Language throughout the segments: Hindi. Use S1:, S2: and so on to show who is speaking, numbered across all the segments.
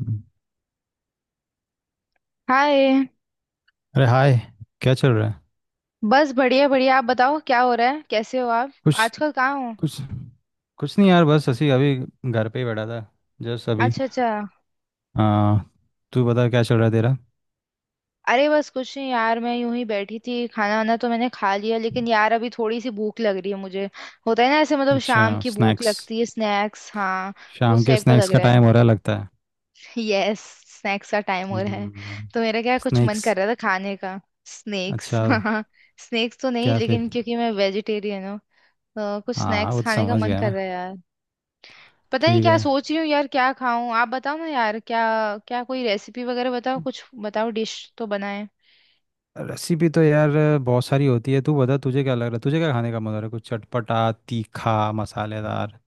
S1: हम्म।
S2: हाय।
S1: अरे हाय, क्या चल रहा है?
S2: बस बढ़िया बढ़िया। आप बताओ क्या हो रहा है, कैसे हो आप?
S1: कुछ
S2: आजकल कहाँ हो?
S1: कुछ कुछ नहीं यार, बस ऐसे ही अभी घर पे ही बैठा था जस्ट अभी।
S2: अच्छा अच्छा।
S1: आ, तू बता, क्या चल रहा है तेरा?
S2: अरे बस कुछ नहीं यार, मैं यूं ही बैठी थी। खाना वाना तो मैंने खा लिया, लेकिन यार अभी थोड़ी सी भूख लग रही है मुझे। होता है ना ऐसे, मतलब
S1: अच्छा
S2: शाम की भूख
S1: स्नैक्स,
S2: लगती है, स्नैक्स। हाँ,
S1: शाम
S2: उस
S1: के
S2: टाइप का
S1: स्नैक्स
S2: लग
S1: का
S2: रहा
S1: टाइम
S2: है।
S1: हो रहा है लगता है।
S2: यस, स्नैक्स का टाइम हो रहा है।
S1: हम्म।
S2: तो मेरा क्या कुछ मन
S1: स्नैक्स।
S2: कर रहा था खाने का। स्नैक्स
S1: अच्छा,
S2: हाँ। स्नैक्स तो नहीं,
S1: क्या फिर?
S2: लेकिन क्योंकि मैं वेजिटेरियन हूँ, तो कुछ
S1: हाँ हाँ,
S2: स्नैक्स
S1: वो तो
S2: खाने का
S1: समझ
S2: मन
S1: गया
S2: कर
S1: मैं।
S2: रहा है यार। पता नहीं
S1: ठीक
S2: क्या
S1: है।
S2: सोच रही हूँ यार, क्या खाऊं। आप बताओ ना यार, क्या, कोई रेसिपी वगैरह बताओ, कुछ बताओ, डिश तो बनाए।
S1: रेसिपी तो यार बहुत सारी होती है। तू बता, तुझे क्या लग रहा है, तुझे क्या खाने का मन हो रहा है? कुछ चटपटा, तीखा, मसालेदार?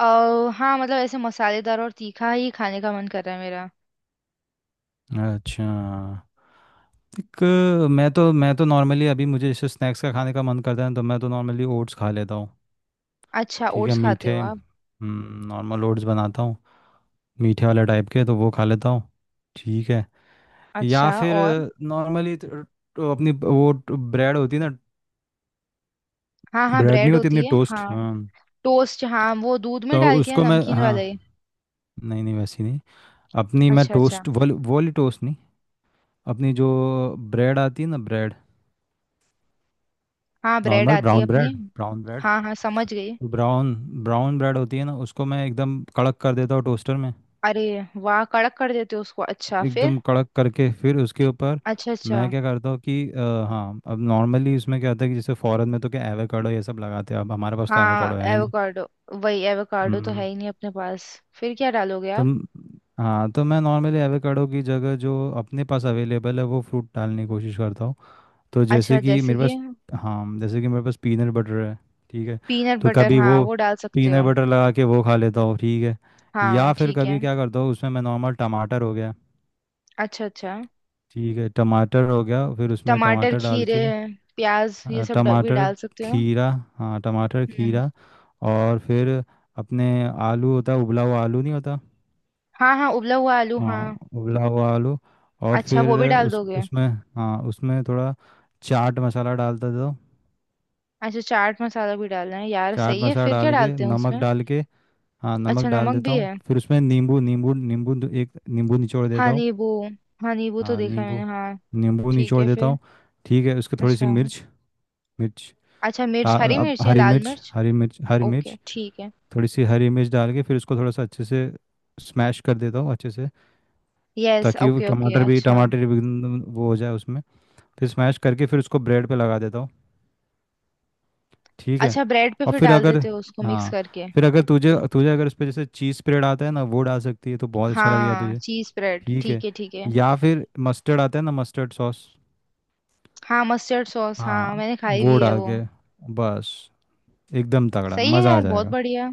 S2: अः हाँ मतलब ऐसे मसालेदार और तीखा ही खाने का मन कर रहा है मेरा।
S1: अच्छा। एक, मैं तो नॉर्मली अभी मुझे जैसे स्नैक्स का खाने का मन करता है तो मैं तो नॉर्मली ओट्स खा लेता हूँ।
S2: अच्छा,
S1: ठीक है,
S2: ओट्स खाते हो
S1: मीठे
S2: आप?
S1: नॉर्मल ओट्स बनाता हूँ, मीठे वाले टाइप के, तो वो खा लेता हूँ। ठीक है। या
S2: अच्छा,
S1: फिर
S2: और?
S1: नॉर्मली तो अपनी वो ब्रेड होती है ना।
S2: हाँ हाँ,
S1: ब्रेड नहीं
S2: ब्रेड
S1: होती, अपनी
S2: होती है
S1: टोस्ट।
S2: हाँ।
S1: हाँ,
S2: टोस्ट हाँ, वो दूध में
S1: तो
S2: डाल के है,
S1: उसको मैं,
S2: नमकीन वाले।
S1: हाँ, नहीं नहीं वैसी नहीं, अपनी मैं
S2: अच्छा अच्छा।
S1: टोस्ट, वो वाली टोस्ट नहीं, अपनी जो ब्रेड आती है ना, ब्रेड,
S2: हाँ, ब्रेड
S1: नॉर्मल
S2: आती है
S1: ब्राउन
S2: अपनी।
S1: ब्रेड। ब्राउन ब्रेड,
S2: हाँ हाँ, समझ गई।
S1: ब्राउन ब्राउन ब्रेड होती है ना, उसको मैं एकदम कड़क कर देता हूँ टोस्टर में।
S2: अरे वाह, कड़क कर देते हो उसको, अच्छा फिर?
S1: एकदम कड़क करके फिर उसके ऊपर
S2: अच्छा अच्छा।
S1: मैं क्या करता हूँ कि हाँ अब नॉर्मली इसमें क्या होता है कि जैसे फॉरेन में तो क्या एवोकाडो ये सब लगाते हैं, अब हमारे पास तो
S2: हाँ
S1: एवोकाडो है नहीं।
S2: एवोकाडो, वही एवोकाडो तो
S1: हम्म।
S2: है ही नहीं अपने पास। फिर क्या डालोगे
S1: तो
S2: आप?
S1: म- हाँ तो मैं नॉर्मली एवोकाडो की जगह जो अपने पास अवेलेबल है वो फ्रूट डालने की कोशिश करता हूँ। तो जैसे
S2: अच्छा,
S1: कि
S2: जैसे
S1: मेरे
S2: कि?
S1: पास, हाँ जैसे कि मेरे पास पीनट बटर है। ठीक है,
S2: पीनट
S1: तो
S2: बटर
S1: कभी
S2: हाँ,
S1: वो
S2: वो डाल सकते
S1: पीनट
S2: हो।
S1: बटर लगा के वो खा लेता हूँ। ठीक है।
S2: हाँ
S1: या फिर
S2: ठीक है।
S1: कभी क्या करता हूँ, उसमें मैं नॉर्मल टमाटर हो गया,
S2: अच्छा अच्छा।
S1: ठीक है, टमाटर हो गया, फिर उसमें
S2: टमाटर
S1: टमाटर डाल
S2: खीरे
S1: के,
S2: प्याज ये सब भी
S1: टमाटर
S2: डाल सकते हो।
S1: खीरा, हाँ टमाटर
S2: हम्म।
S1: खीरा, और फिर अपने आलू होता है, उबला हुआ आलू नहीं होता।
S2: हाँ हाँ, उबला हुआ आलू हाँ।
S1: हाँ उबला हुआ आलू, और
S2: अच्छा,
S1: फिर
S2: वो भी डाल
S1: उस
S2: दोगे?
S1: उसमें हाँ उसमें थोड़ा चाट मसाला डालता था।
S2: अच्छा, चाट मसाला भी डालना है यार,
S1: चाट
S2: सही है।
S1: मसाला
S2: फिर क्या
S1: डाल के,
S2: डालते हैं
S1: नमक
S2: उसमें?
S1: डाल के, हाँ नमक
S2: अच्छा,
S1: डाल
S2: नमक
S1: देता
S2: भी
S1: हूँ,
S2: है।
S1: फिर उसमें नींबू, नींबू नींबू दो- एक नींबू निचोड़ देता
S2: हाँ
S1: हूँ।
S2: नींबू। हाँ नींबू तो
S1: हाँ
S2: देखा है मैंने
S1: नींबू,
S2: हाँ।
S1: नींबू
S2: ठीक
S1: निचोड़
S2: है
S1: देता
S2: फिर?
S1: हूँ। ठीक है, उसके थोड़ी सी
S2: अच्छा
S1: मिर्च, मिर्च,
S2: अच्छा। मिर्च,
S1: आ,
S2: हरी
S1: अब
S2: मिर्च या
S1: हरी
S2: लाल
S1: मिर्च
S2: मिर्च?
S1: हरी मिर्च हरी
S2: ओके
S1: मिर्च।
S2: ठीक है।
S1: थोड़ी सी हरी मिर्च डाल के फिर उसको थोड़ा सा अच्छे से स्मैश कर देता हूँ अच्छे से,
S2: यस
S1: ताकि वो
S2: ओके ओके
S1: टमाटर भी
S2: अच्छा।
S1: टमाटर भी एकदम वो हो जाए उसमें। फिर स्मैश करके फिर उसको ब्रेड पे लगा देता हूँ। ठीक है।
S2: अच्छा, ब्रेड पे
S1: और
S2: फिर
S1: फिर
S2: डाल
S1: अगर,
S2: देते हो उसको मिक्स
S1: हाँ
S2: करके।
S1: फिर अगर तुझे
S2: ओके
S1: तुझे अगर उस पर जैसे चीज़ स्प्रेड आता है ना, वो डाल सकती है तो बहुत अच्छा लगेगा
S2: हाँ,
S1: तुझे।
S2: चीज ब्रेड
S1: ठीक है।
S2: ठीक है ठीक है।
S1: या फिर मस्टर्ड आता है ना, मस्टर्ड सॉस।
S2: हाँ मस्टर्ड सॉस, हाँ
S1: हाँ
S2: मैंने खाई
S1: वो
S2: हुई है
S1: डाल
S2: वो।
S1: के बस, एकदम तगड़ा
S2: सही है
S1: मज़ा आ
S2: यार, बहुत
S1: जाएगा।
S2: बढ़िया।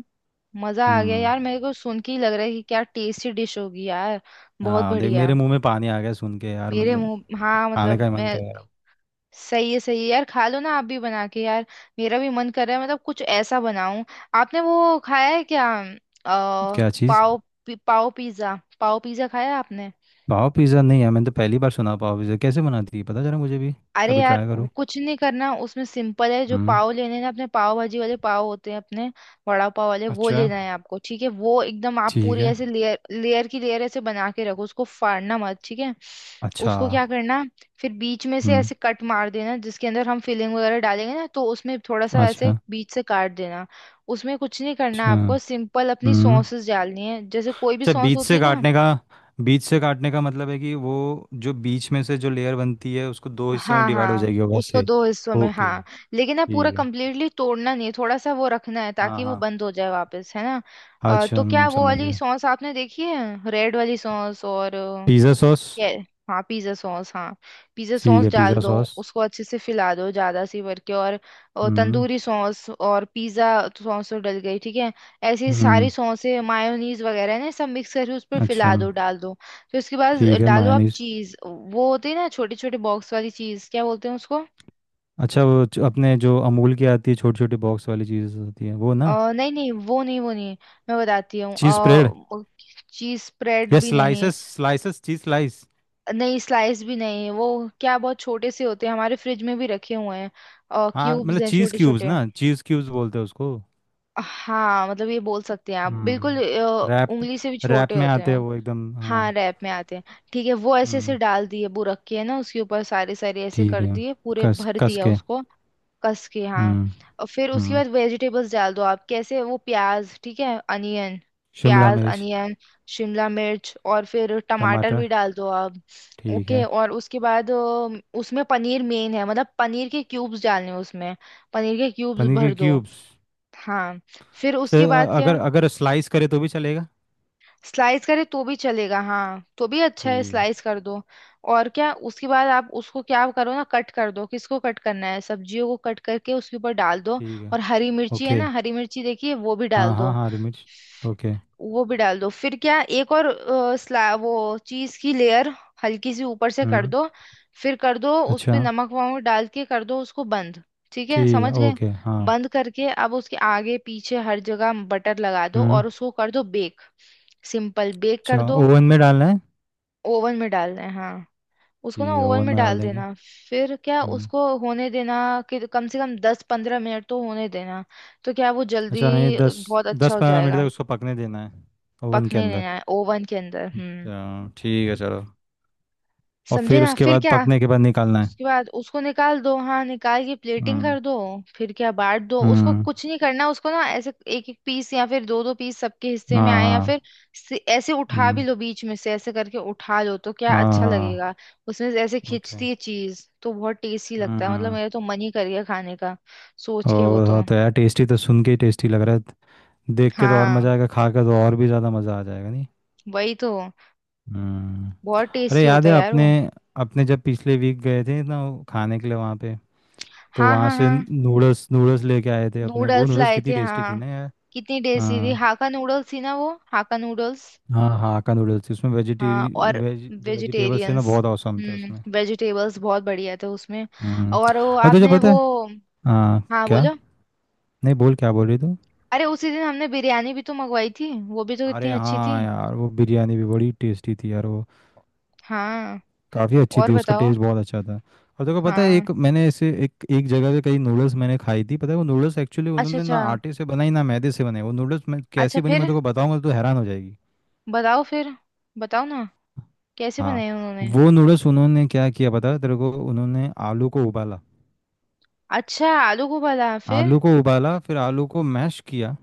S2: मजा आ गया
S1: हम्म।
S2: यार, मेरे को सुन के ही लग रहा है कि क्या टेस्टी डिश होगी यार, बहुत
S1: हाँ देख,
S2: बढ़िया।
S1: मेरे मुंह में पानी आ गया सुन के यार,
S2: मेरे
S1: मतलब
S2: मुंह, हाँ
S1: खाने
S2: मतलब
S1: का ही मन
S2: मैं,
S1: कर रहा
S2: सही है यार, खा लो ना आप भी बना के यार। मेरा भी मन कर रहा है, मतलब कुछ ऐसा बनाऊं। आपने वो खाया है क्या,
S1: है।
S2: अ
S1: क्या चीज़?
S2: पाव? पाव पिज्जा, पाव पिज्जा खाया है आपने?
S1: पाव पिज़्ज़ा नहीं है, मैंने तो पहली बार सुना। पाव पिज़्ज़ा कैसे बनाती है, पता चला मुझे भी।
S2: अरे
S1: कभी
S2: यार,
S1: ट्राई
S2: वो
S1: करूँ।
S2: कुछ नहीं करना उसमें, सिंपल है। जो
S1: हम्म।
S2: पाव लेने ना, अपने पाव भाजी वाले पाव होते हैं अपने, वड़ा पाव वाले, वो
S1: अच्छा,
S2: लेना है आपको। ठीक है, वो एकदम आप
S1: ठीक
S2: पूरी
S1: है।
S2: ऐसे लेयर लेयर की लेयर ऐसे बना के रखो, उसको फाड़ना मत, ठीक है।
S1: अच्छा।
S2: उसको क्या करना, फिर बीच में से
S1: हम्म।
S2: ऐसे कट मार देना, जिसके अंदर हम फिलिंग वगैरह डालेंगे ना, तो उसमें थोड़ा सा ऐसे
S1: अच्छा।
S2: बीच से काट देना। उसमें कुछ नहीं करना
S1: अच्छा।
S2: आपको, सिंपल अपनी
S1: हम्म।
S2: सॉसेस डालनी है, जैसे कोई भी
S1: अच्छा,
S2: सॉस
S1: बीच
S2: होती
S1: से
S2: है ना।
S1: काटने का, बीच से काटने का मतलब है कि वो जो बीच में से जो लेयर बनती है उसको दो हिस्सों में
S2: हाँ
S1: डिवाइड हो
S2: हाँ,
S1: जाएगी वो
S2: उसको
S1: वैसे।
S2: दो हिस्सों में
S1: ओके।
S2: हाँ। लेकिन ना पूरा
S1: ठीक है,
S2: कंप्लीटली तोड़ना नहीं है, थोड़ा सा वो रखना है
S1: हाँ
S2: ताकि वो
S1: हाँ।
S2: बंद हो जाए वापस, है ना।
S1: अच्छा,
S2: तो क्या
S1: हम
S2: वो
S1: समझ
S2: वाली
S1: गए,
S2: सॉस आपने देखी है, रेड वाली सॉस? और
S1: पिज़्ज़ा सॉस।
S2: ये, हाँ पिज्ज़ा सॉस हाँ, पिज़्ज़ा
S1: ठीक
S2: सॉस
S1: है
S2: डाल
S1: पिज़्ज़ा
S2: दो।
S1: सॉस।
S2: उसको अच्छे से फैला दो ज़्यादा सी भर के, और
S1: हम्म।
S2: तंदूरी सॉस और पिज़्ज़ा सॉस तो डल गई, ठीक है। ऐसी सारी
S1: हम्म।
S2: सॉसें मायोनीज वगैरह है ना, सब मिक्स करके उस पर
S1: अच्छा।
S2: फैला दो, डाल दो। फिर उसके बाद
S1: ठीक है
S2: डालो आप
S1: मायनीज।
S2: चीज़, वो होती है ना, छोटे छोटे बॉक्स वाली चीज़, क्या बोलते हैं उसको?
S1: अच्छा, वो जो अपने जो अमूल की आती है छोटी छोटी बॉक्स वाली चीज़ें होती हैं वो ना,
S2: नहीं नहीं, वो नहीं वो नहीं, मैं बताती हूँ।
S1: चीज़ स्प्रेड,
S2: चीज़ स्प्रेड
S1: या
S2: भी नहीं।
S1: Slices, cheese slice.
S2: नहीं स्लाइस भी नहीं, वो क्या, बहुत छोटे से होते हैं, हमारे फ्रिज में भी रखे हुए हैं, और
S1: हाँ
S2: क्यूब्स
S1: मतलब
S2: हैं
S1: चीज़
S2: छोटे
S1: क्यूब्स
S2: छोटे।
S1: ना, चीज़ क्यूब्स बोलते हैं उसको।
S2: हाँ मतलब ये बोल सकते हैं आप, बिल्कुल
S1: हम्म, रैप,
S2: उंगली से भी
S1: रैप
S2: छोटे
S1: में
S2: होते
S1: आते हैं
S2: हैं।
S1: वो एकदम, हाँ।
S2: हाँ रैप में आते हैं। ठीक है, वो ऐसे ऐसे
S1: हम्म।
S2: डाल दिए, वो रखे है ना, उसके ऊपर सारे सारे ऐसे
S1: ठीक
S2: कर
S1: है,
S2: दिए, पूरे
S1: कस
S2: भर
S1: कस
S2: दिया
S1: के।
S2: उसको, कस के हाँ।
S1: हम्म।
S2: और फिर उसके
S1: हम्म।
S2: बाद वेजिटेबल्स डाल दो आप, कैसे वो, प्याज, ठीक है अनियन,
S1: शिमला
S2: प्याज
S1: मिर्च।
S2: अनियन, शिमला मिर्च, और फिर टमाटर
S1: टमाटर,
S2: भी डाल दो आप।
S1: ठीक
S2: ओके,
S1: है।
S2: और उसके बाद उसमें पनीर मेन है, मतलब पनीर के क्यूब्स डालने हैं उसमें। पनीर के क्यूब्स
S1: पनीर के
S2: भर दो
S1: क्यूब्स,
S2: हाँ। फिर उसके बाद क्या,
S1: अगर अगर स्लाइस करे तो भी चलेगा।
S2: स्लाइस करे तो भी चलेगा, हाँ तो भी अच्छा है,
S1: ठीक है,
S2: स्लाइस कर दो। और क्या उसके बाद आप उसको क्या करो ना, कट कर दो, किसको कट करना है, सब्जियों को कट करके उसके ऊपर डाल दो।
S1: ठीक है।
S2: और हरी मिर्ची है
S1: ओके,
S2: ना, हरी मिर्ची देखिए, वो भी
S1: हाँ
S2: डाल
S1: हाँ
S2: दो।
S1: हाँ हरी मिर्च। ओके।
S2: वो भी डाल दो। फिर क्या, एक और अ, स्ला वो चीज की लेयर हल्की सी ऊपर से कर
S1: हम्म।
S2: दो। फिर कर दो उस पे
S1: अच्छा।
S2: नमक वमक डाल के, कर दो उसको बंद। ठीक है,
S1: ठीक है,
S2: समझ गए?
S1: ओके, हाँ।
S2: बंद करके अब उसके आगे पीछे हर जगह बटर लगा दो,
S1: हम्म।
S2: और उसको कर दो बेक। सिंपल बेक कर
S1: अच्छा,
S2: दो।
S1: ओवन में डालना है।
S2: ओवन में डालना है हाँ। उसको ना
S1: ठीक है,
S2: ओवन
S1: ओवन
S2: में
S1: में डाल
S2: डाल
S1: देंगे।
S2: देना। फिर क्या
S1: हम्म।
S2: उसको होने देना, कि कम से कम 10-15 मिनट तो होने देना। तो क्या वो जल्दी
S1: अच्छा, नहीं, दस,
S2: बहुत अच्छा
S1: दस
S2: हो
S1: पंद्रह मिनट
S2: जाएगा।
S1: तक उसको पकने देना है, ओवन के
S2: पकने
S1: अंदर।
S2: देना है ओवन के अंदर, हम्म।
S1: अच्छा ठीक है, चलो। और
S2: समझे
S1: फिर
S2: ना,
S1: उसके
S2: फिर
S1: बाद
S2: क्या
S1: पकने के बाद निकालना है।
S2: उसके बाद उसको निकाल दो। हाँ निकाल के प्लेटिंग
S1: हम्म।
S2: कर दो। फिर क्या बांट दो उसको,
S1: हम्म।
S2: कुछ नहीं करना उसको ना, ऐसे एक एक पीस या फिर दो दो पीस सबके हिस्से में
S1: हाँ
S2: आए, या फिर
S1: हाँ।
S2: ऐसे उठा भी
S1: हम्म।
S2: लो, बीच में से ऐसे करके उठा लो, तो क्या अच्छा
S1: हाँ।
S2: लगेगा। उसमें से ऐसे
S1: ओके।
S2: खिंचती है चीज तो बहुत टेस्टी लगता है, मतलब
S1: हम्म।
S2: मेरा तो मन ही कर गया खाने का, सोच
S1: ओ
S2: के वो तो।
S1: हाँ, तो यार टेस्टी तो सुन के ही टेस्टी लग रहा है, देख के तो और
S2: हाँ
S1: मज़ा आएगा, खा के तो और भी ज़्यादा मज़ा आ जाएगा नहीं?
S2: वही तो,
S1: हम्म।
S2: बहुत
S1: अरे
S2: टेस्टी
S1: याद
S2: होता
S1: है
S2: है यार
S1: अपने,
S2: वो।
S1: अपने जब पिछले वीक गए थे ना वो खाने के लिए वहाँ पे, तो
S2: हाँ
S1: वहाँ
S2: हाँ
S1: से
S2: हाँ,
S1: नूडल्स, लेके आए थे अपने, वो
S2: नूडल्स
S1: नूडल्स
S2: लाए
S1: कितनी
S2: थे
S1: टेस्टी
S2: हाँ,
S1: थी ना यार।
S2: कितनी टेस्टी थी।
S1: हाँ
S2: हाका नूडल्स थी ना वो, हाका नूडल्स।
S1: हाँ। हाँ का नूडल्स थी उसमें वेजिटे
S2: हाँ और
S1: वेज जो वेजिटेबल्स थे ना,
S2: वेजिटेरियंस,
S1: बहुत औसम थे उसमें।
S2: वेजिटेबल्स बहुत बढ़िया थे उसमें।
S1: हम्म।
S2: और वो
S1: और तुझे
S2: आपने
S1: पता
S2: वो,
S1: है आ,
S2: हाँ
S1: क्या
S2: बोलो।
S1: नहीं, बोल क्या बोल रही तू?
S2: अरे उसी दिन हमने बिरयानी भी तो मंगवाई थी, वो भी तो कितनी
S1: अरे
S2: अच्छी थी।
S1: हाँ यार, वो बिरयानी भी बड़ी टेस्टी थी यार वो,
S2: हाँ
S1: काफ़ी अच्छी
S2: और
S1: थी, उसका
S2: बताओ।
S1: टेस्ट बहुत अच्छा था। और तुझे पता है,
S2: हाँ
S1: एक मैंने ऐसे एक एक जगह पे कई नूडल्स मैंने खाई थी, पता है वो नूडल्स एक्चुअली
S2: अच्छा
S1: उन्होंने
S2: अच्छा।
S1: ना आटे से बनाई ना मैदे से बनाई, वो नूडल्स मैं
S2: अच्छा
S1: कैसी बनी मैं
S2: फिर,
S1: तेको बताऊंगा तो हैरान हो जाएगी।
S2: बताओ फिर, बताओ ना कैसे
S1: हाँ।
S2: बनाए उन्होंने।
S1: वो नूडल्स उन्होंने क्या किया पता है तेरे को, उन्होंने आलू को उबाला।
S2: अच्छा, आलू को उबाला फिर?
S1: आलू को उबाला, फिर आलू को मैश किया।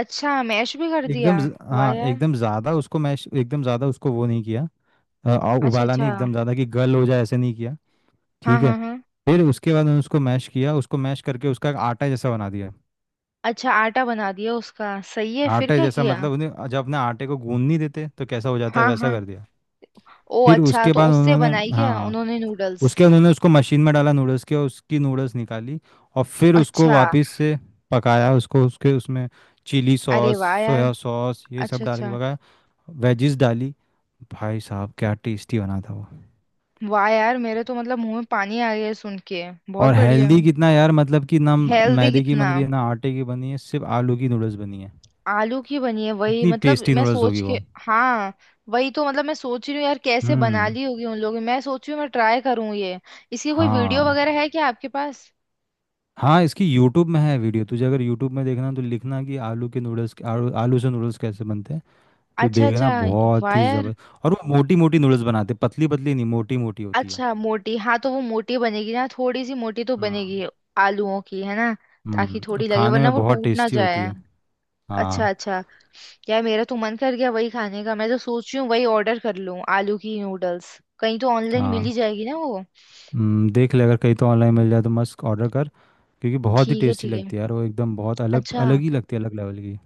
S2: अच्छा मैश भी कर दिया, वाह
S1: हाँ
S2: यार।
S1: एकदम ज़्यादा उसको मैश, एकदम ज़्यादा उसको वो नहीं किया,
S2: अच्छा
S1: उबाला नहीं
S2: अच्छा,
S1: एकदम ज़्यादा कि गल हो जाए, ऐसे नहीं किया।
S2: हाँ
S1: ठीक है।
S2: हाँ हाँ।
S1: फिर उसके बाद मैंने उसको मैश किया, उसको मैश करके उसका एक आटा जैसा बना दिया।
S2: अच्छा आटा बना दिया उसका, सही है, फिर
S1: आटा
S2: क्या
S1: जैसा
S2: किया?
S1: मतलब उन्हें जब अपने आटे को गूंद नहीं देते तो कैसा हो जाता है
S2: हाँ
S1: वैसा
S2: हाँ
S1: कर दिया।
S2: ओ
S1: फिर
S2: अच्छा,
S1: उसके
S2: तो
S1: बाद
S2: उससे
S1: उन्होंने,
S2: बनाई क्या
S1: हाँ
S2: उन्होंने नूडल्स?
S1: उसके बाद उन्होंने उसको मशीन में डाला नूडल्स के, और उसकी नूडल्स निकाली, और फिर उसको
S2: अच्छा,
S1: वापस से पकाया, उसको उसके उसमें चिली
S2: अरे
S1: सॉस,
S2: वाह यार।
S1: सोया सॉस ये सब
S2: अच्छा
S1: डाल
S2: अच्छा।
S1: के पकाया, वेजिस डाली, भाई साहब क्या टेस्टी बना था वो।
S2: वाह यार, मेरे तो मतलब मुंह में पानी आ गया है सुन के, बहुत
S1: और
S2: बढ़िया।
S1: हेल्दी कितना यार, मतलब कि ना
S2: हेल्दी
S1: मैदे की
S2: कितना,
S1: बन रही है ना आटे की बनी है, सिर्फ आलू की नूडल्स बनी है।
S2: आलू की बनी है। वही
S1: इतनी
S2: मतलब
S1: टेस्टी
S2: मैं
S1: नूडल्स
S2: सोच
S1: होगी
S2: के,
S1: वो।
S2: हाँ वही तो, मतलब मैं सोच रही हूँ यार, कैसे बना
S1: हम्म।
S2: ली होगी उन लोगों ने। मैं सोच रही हूँ मैं ट्राई करूँ ये। इसकी कोई वीडियो
S1: हाँ
S2: वगैरह है क्या आपके पास?
S1: हाँ इसकी यूट्यूब में है वीडियो, तुझे अगर यूट्यूब में देखना है तो लिखना कि आलू के नूडल्स, आलू से नूडल्स कैसे बनते हैं, तो
S2: अच्छा
S1: देखना,
S2: अच्छा,
S1: बहुत
S2: वाह
S1: ही
S2: यार।
S1: ज़बरदस्त। और वो मोटी मोटी नूडल्स बनाते, पतली पतली नहीं, मोटी मोटी होती है।
S2: अच्छा मोटी हाँ, तो वो मोटी बनेगी ना, थोड़ी सी मोटी तो
S1: हाँ।
S2: बनेगी। आलूओं की है ना। ताकि
S1: हम्म, और
S2: थोड़ी लगे,
S1: खाने
S2: वरना
S1: में
S2: वो
S1: बहुत
S2: टूट ना
S1: टेस्टी होती
S2: जाए।
S1: है।
S2: अच्छा
S1: हाँ।
S2: अच्छा। यार मेरा तो मन कर गया वही खाने का, मैं तो सोच रही हूँ वही ऑर्डर कर लूँ। आलू की नूडल्स कहीं तो ऑनलाइन मिल
S1: हाँ।
S2: ही जाएगी ना वो।
S1: देख ले अगर कहीं तो ऑनलाइन मिल जाए तो मस्त, ऑर्डर कर, क्योंकि बहुत ही
S2: ठीक है
S1: टेस्टी
S2: ठीक है,
S1: लगती है यार वो एकदम, बहुत अलग,
S2: अच्छा
S1: अलग ही लगती है, अलग लेवल की।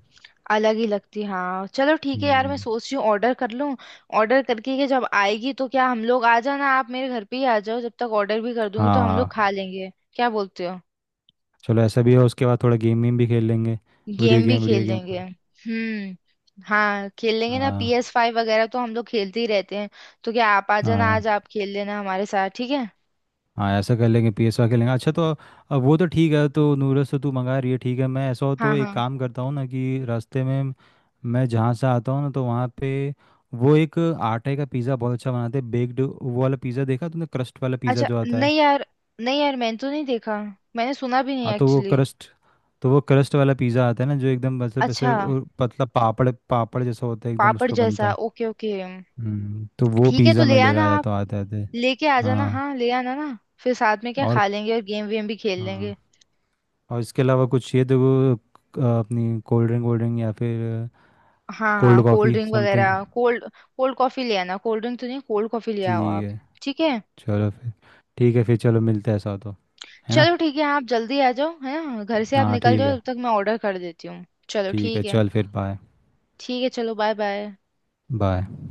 S2: अलग ही लगती हाँ, चलो ठीक है यार, मैं
S1: हम्म।
S2: सोच रही हूँ ऑर्डर कर लूँ। ऑर्डर करके के जब आएगी तो क्या हम लोग, आ जाना आप, मेरे घर पे ही आ जाओ, जब तक ऑर्डर भी कर दूंगी, तो हम लोग खा
S1: हाँ
S2: लेंगे, क्या बोलते हो?
S1: चलो, ऐसा भी है, उसके बाद थोड़ा गेम वेम भी खेल लेंगे, वीडियो
S2: गेम भी
S1: गेम
S2: खेल
S1: वीडियो गेम
S2: लेंगे,
S1: कोई।
S2: हाँ खेल लेंगे ना, पी
S1: हाँ।
S2: एस फाइव वगैरह तो हम लोग खेलते ही रहते हैं। तो क्या आप आ जाना,
S1: हाँ
S2: आज आप खेल लेना हमारे साथ, ठीक है?
S1: हाँ ऐसा कर लेंगे, PS खेल लेंगे। अच्छा तो अब वो तो ठीक है, तो नूडल्स तो तू मंगा रही है, ठीक है, मैं ऐसा हो
S2: हाँ
S1: तो एक
S2: हाँ।
S1: काम करता हूँ ना, कि रास्ते में मैं जहाँ से आता हूँ ना तो वहाँ पे वो एक आटे का पिज़्ज़ा बहुत अच्छा बनाते हैं बेक्ड, वो वाला पिज़्ज़ा देखा तूने, क्रस्ट वाला पिज़्ज़ा
S2: अच्छा
S1: जो आता है।
S2: नहीं यार, नहीं यार मैंने तो नहीं देखा, मैंने सुना भी नहीं
S1: हाँ तो वो
S2: एक्चुअली।
S1: क्रस्ट, तो वो क्रस्ट वाला पिज़्ज़ा आता है ना, जो एकदम मतलब ऐसे
S2: अच्छा,
S1: पतला, पापड़ पापड़ जैसा होता है एकदम, उस
S2: पापड़
S1: पर
S2: जैसा
S1: बनता है।
S2: Okay okay.
S1: हम्म। तो वो
S2: ठीक है तो
S1: पिज़्ज़ा
S2: ले
S1: मैं लेके
S2: आना
S1: आया
S2: आप,
S1: तो आते आते,
S2: लेके आ जाना
S1: हाँ
S2: हाँ, ले आना ना। फिर साथ में क्या
S1: और,
S2: खा लेंगे, और गेम वेम भी खेल
S1: हाँ
S2: लेंगे।
S1: और इसके अलावा कुछ ये देखो अपनी कोल्ड ड्रिंक, कोल्ड ड्रिंक या फिर
S2: हाँ
S1: कोल्ड
S2: हाँ कोल्ड
S1: कॉफ़ी,
S2: ड्रिंक
S1: समथिंग।
S2: वगैरह, कोल्ड, कोल्ड कॉफी ले आना, कोल्ड ड्रिंक तो नहीं, कोल्ड कॉफी ले आओ
S1: ठीक
S2: आप।
S1: है
S2: ठीक है
S1: चलो फिर, ठीक है फिर चलो मिलते हैं ऐसा हो तो, है ना?
S2: चलो, ठीक है आप जल्दी आ जाओ है ना, घर से आप
S1: हाँ
S2: निकल
S1: ठीक
S2: जाओ,
S1: है।
S2: तब तक मैं ऑर्डर कर देती हूँ, चलो
S1: ठीक है
S2: ठीक है।
S1: चल, फिर बाय
S2: ठीक है चलो, बाय बाय।
S1: बाय।